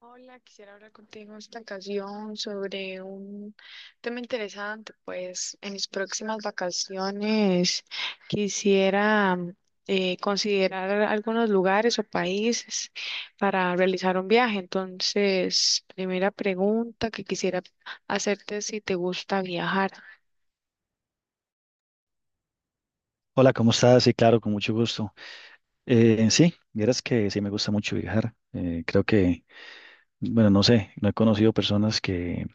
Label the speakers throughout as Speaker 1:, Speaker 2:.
Speaker 1: Hola, quisiera hablar contigo en esta ocasión sobre un tema interesante. Pues en mis próximas vacaciones quisiera considerar algunos lugares o países para realizar un viaje. Entonces, primera pregunta que quisiera hacerte es si te gusta viajar.
Speaker 2: Hola, ¿cómo estás? Sí, claro, con mucho gusto. En sí, vieras que sí me gusta mucho viajar. Creo que, bueno, no sé, no he conocido personas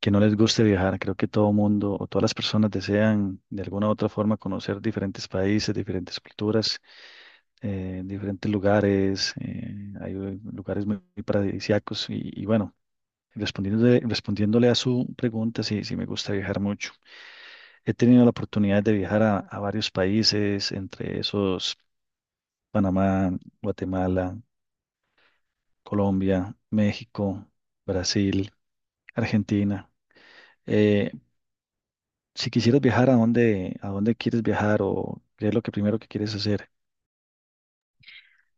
Speaker 2: que no les guste viajar. Creo que todo mundo o todas las personas desean de alguna u otra forma conocer diferentes países, diferentes culturas, diferentes lugares. Hay lugares muy, muy paradisíacos y bueno. Respondiéndole a su pregunta, sí, me gusta viajar mucho. He tenido la oportunidad de viajar a varios países, entre esos Panamá, Guatemala, Colombia, México, Brasil, Argentina. Eh, si quisieras viajar, ¿a a dónde quieres viajar o qué es lo que primero que quieres hacer?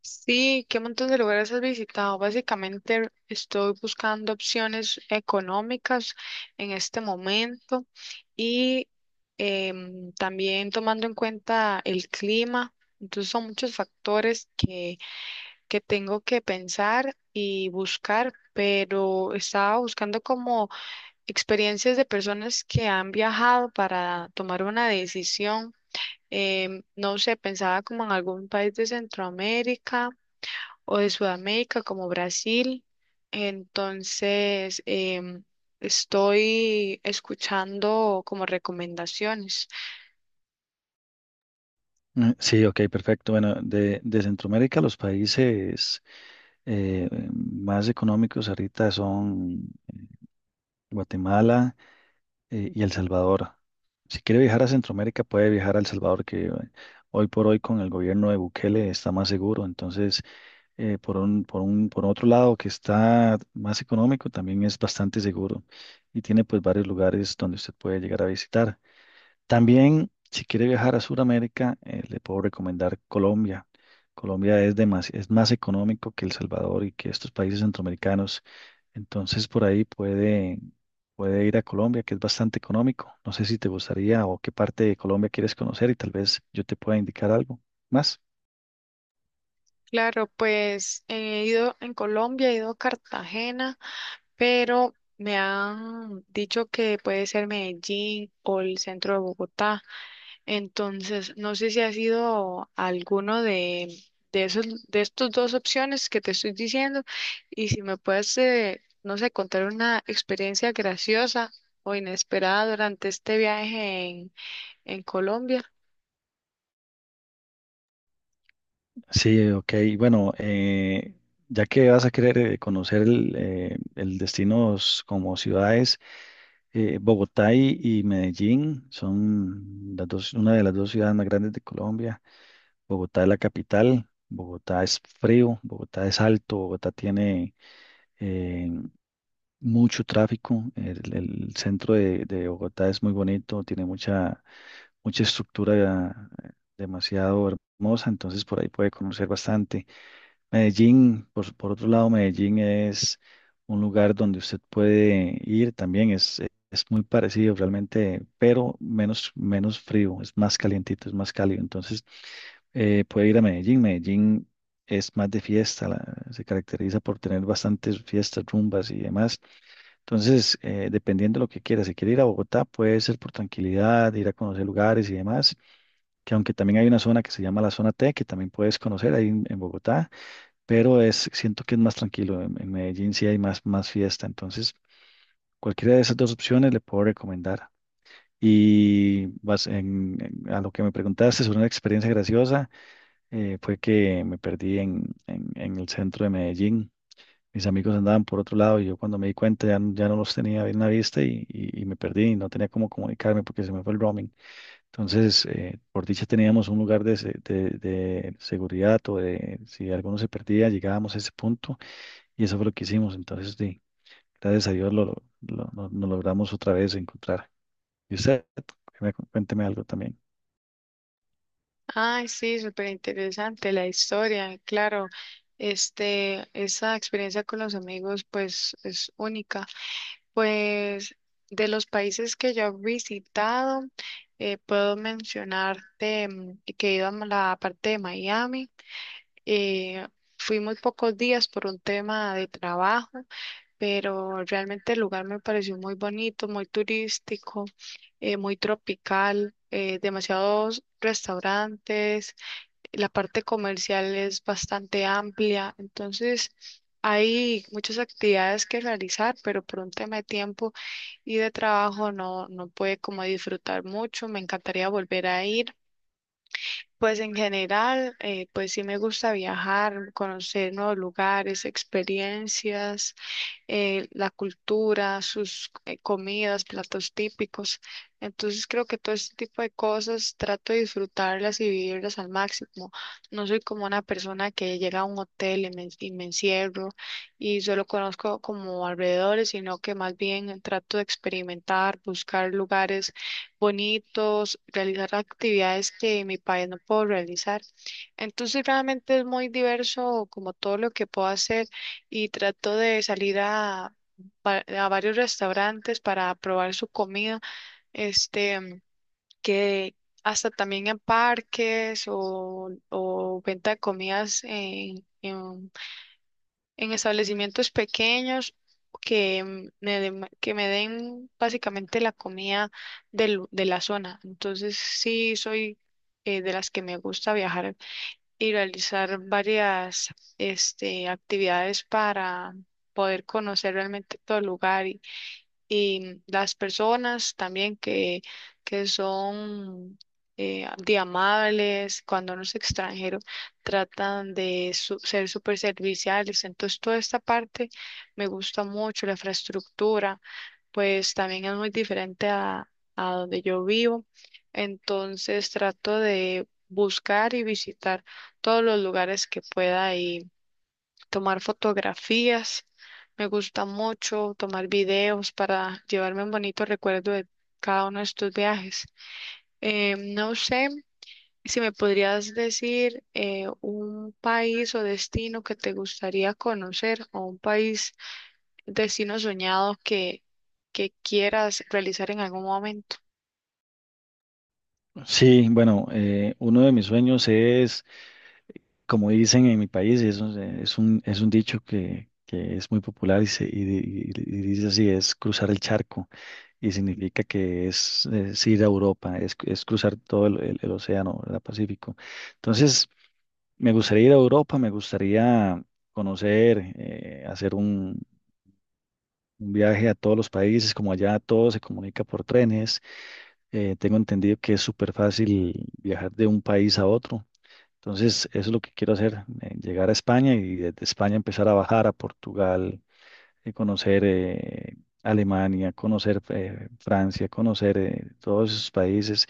Speaker 1: Sí, ¿qué montón de lugares has visitado? Básicamente estoy buscando opciones económicas en este momento y también tomando en cuenta el clima. Entonces son muchos factores que tengo que pensar y buscar, pero estaba buscando como experiencias de personas que han viajado para tomar una decisión. No sé, pensaba como en algún país de Centroamérica o de Sudamérica como Brasil. Entonces, estoy escuchando como recomendaciones.
Speaker 2: Mm, sí, ok, perfecto. Bueno, de Centroamérica los países más económicos ahorita son Guatemala y El Salvador. Si quiere viajar a Centroamérica, puede viajar a El Salvador, que hoy por hoy con el gobierno de Bukele está más seguro. Entonces, por otro lado que está más económico, también es bastante seguro y tiene pues varios lugares donde usted puede llegar a visitar. También, si quiere viajar a Sudamérica, le puedo recomendar Colombia. Colombia es más económico que El Salvador y que estos países centroamericanos. Entonces, por ahí puede ir a Colombia, que es bastante económico. No sé si te gustaría o qué parte de Colombia quieres conocer y tal vez yo te pueda indicar algo más.
Speaker 1: Claro, pues he ido en Colombia, he ido a Cartagena, pero me han dicho que puede ser Medellín o el centro de Bogotá. Entonces, no sé si ha sido alguno de esos, de estos dos opciones que te estoy diciendo y si me puedes, no sé, contar una experiencia graciosa o inesperada durante este viaje en Colombia.
Speaker 2: Sí, ok. Bueno, ya que vas a querer conocer el destinos como ciudades, Bogotá y Medellín son las dos, una de las dos ciudades más grandes de Colombia. Bogotá es la capital, Bogotá es frío, Bogotá es alto, Bogotá tiene eh, mucho tráfico. El centro de Bogotá es muy bonito, tiene mucha estructura demasiado hermosa, entonces por ahí puede conocer bastante. Medellín, por otro lado, Medellín es un lugar donde usted puede ir también, es muy parecido realmente, pero menos, menos frío, es más calientito, es más cálido. Entonces, puede ir a Medellín. Medellín es más de fiesta, se caracteriza por tener bastantes fiestas, rumbas y demás. Entonces, dependiendo de lo que quiera, si quiere ir a Bogotá, puede ser por tranquilidad, ir a conocer lugares y demás, que aunque también hay una zona que se llama la zona T, que también puedes conocer ahí en Bogotá pero es, siento que es más tranquilo. En Medellín sí hay más, más fiesta, entonces cualquiera de esas dos opciones le puedo recomendar. Y a lo que me preguntaste sobre una experiencia graciosa, fue que me perdí en el centro de Medellín. Mis amigos andaban por otro lado y yo cuando me di cuenta ya no los tenía bien a la vista y me perdí y no tenía cómo comunicarme porque se me fue el roaming. Entonces, por dicha teníamos un lugar de seguridad o de si alguno se perdía, llegábamos a ese punto y eso fue lo que hicimos. Entonces, sí, gracias a Dios nos logramos otra vez encontrar. Y usted, cuénteme algo también.
Speaker 1: Ay, sí, súper interesante la historia, claro. Este, esa experiencia con los amigos, pues, es única. Pues de los países que yo he visitado, puedo mencionarte que he ido a la parte de Miami. eh, Fui muy pocos días por un tema de trabajo, pero realmente el lugar me pareció muy bonito, muy turístico, muy tropical, demasiados restaurantes, la parte comercial es bastante amplia, entonces hay muchas actividades que realizar, pero por un tema de tiempo y de trabajo no pude como disfrutar mucho. Me encantaría volver a ir, pues en general, pues sí me gusta viajar, conocer nuevos lugares, experiencias, la cultura, sus comidas, platos típicos. Entonces creo que todo este tipo de cosas trato de disfrutarlas y vivirlas al máximo. No soy como una persona que llega a un hotel y me encierro y solo conozco como alrededores, sino que más bien trato de experimentar, buscar lugares bonitos, realizar actividades que en mi país no puedo realizar. Entonces realmente es muy diverso como todo lo que puedo hacer y trato de salir a varios restaurantes para probar su comida, este, que hasta también en parques o venta de comidas en establecimientos pequeños que que me den básicamente la comida de la zona. Entonces sí soy de las que me gusta viajar y realizar varias este, actividades para poder conocer realmente todo el lugar y las personas también que son de amables, cuando uno es extranjero, tratan de ser súper serviciales. Entonces, toda esta parte me gusta mucho, la infraestructura, pues también es muy diferente a donde yo vivo. Entonces, trato de buscar y visitar todos los lugares que pueda tomar fotografías. Me gusta mucho tomar videos para llevarme un bonito recuerdo de cada uno de estos viajes. No sé si me podrías decir un país o destino que te gustaría conocer o un país, destino soñado que quieras realizar en algún momento.
Speaker 2: Sí, bueno, uno de mis sueños es, como dicen en mi país, y eso es un dicho que es muy popular y dice así, es cruzar el charco y significa que es ir a Europa, es cruzar todo el océano, el Pacífico. Entonces, me gustaría ir a Europa, me gustaría conocer, hacer un viaje a todos los países, como allá todo se comunica por trenes. Tengo entendido que es súper fácil viajar de un país a otro. Entonces, eso es lo que quiero hacer, llegar a España y desde España empezar a bajar a Portugal, conocer Alemania, conocer Francia, conocer todos esos países,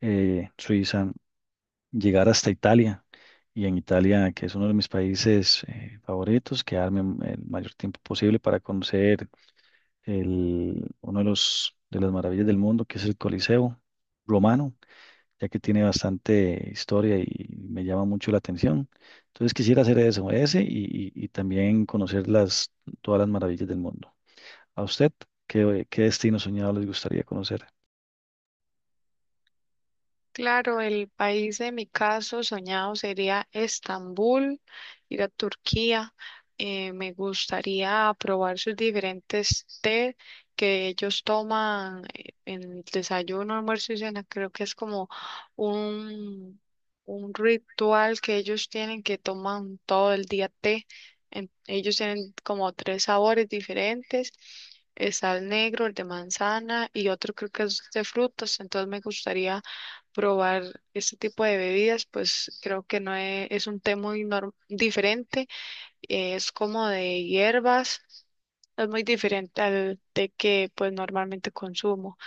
Speaker 2: Suiza, llegar hasta Italia. Y en Italia, que es uno de mis países favoritos, quedarme el mayor tiempo posible para conocer uno de de las maravillas del mundo, que es el Coliseo romano, ya que tiene bastante historia y me llama mucho la atención. Entonces quisiera hacer eso, y también conocer todas las maravillas del mundo. ¿A usted qué destino soñado les gustaría conocer?
Speaker 1: Claro, el país de mi caso soñado sería Estambul, ir a Turquía. Me gustaría probar sus diferentes té que ellos toman en el desayuno, almuerzo y cena. Creo que es como un, un ritual que ellos tienen que toman todo el día té. En- ellos tienen como tres sabores diferentes. Está el negro, el de manzana y otro creo que es de frutas. Entonces me gustaría probar este tipo de bebidas, pues creo que no es, es un té muy diferente, es como de hierbas, es muy diferente al té que pues normalmente consumo.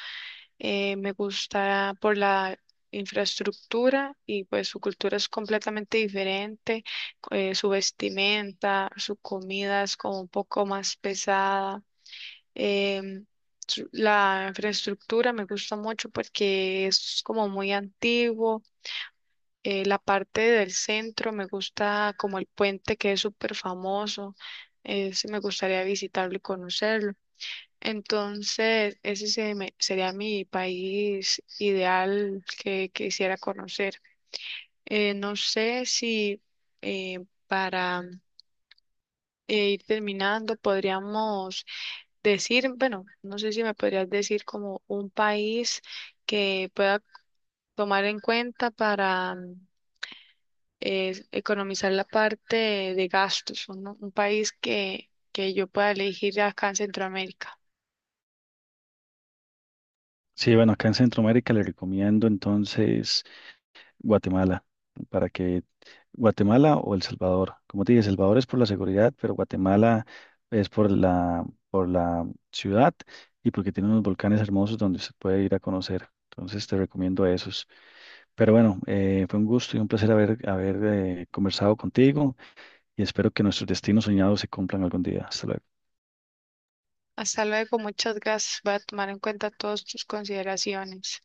Speaker 1: Me gusta por la infraestructura y pues su cultura es completamente diferente, su vestimenta, su comida es como un poco más pesada. em, La infraestructura me gusta mucho porque es como muy antiguo, la parte del centro me gusta como el puente que es súper famoso. Ese me gustaría visitarlo y conocerlo. Entonces, ese sería mi país ideal que quisiera conocer. No sé si para ir terminando podríamos decir, bueno, no sé si me podrías decir como un país que pueda tomar en cuenta para es economizar la parte de gastos, un país que yo pueda elegir acá en Centroamérica.
Speaker 2: Sí, bueno, acá en Centroamérica le recomiendo entonces Guatemala, para que Guatemala o El Salvador, como te dije, El Salvador es por la seguridad, pero Guatemala es por por la ciudad y porque tiene unos volcanes hermosos donde se puede ir a conocer. Entonces te recomiendo esos. Pero bueno, fue un gusto y un placer haber conversado contigo y espero que nuestros destinos soñados se cumplan algún día. Hasta luego.
Speaker 1: Hasta luego, muchas gracias. Voy a tomar en cuenta todas tus consideraciones.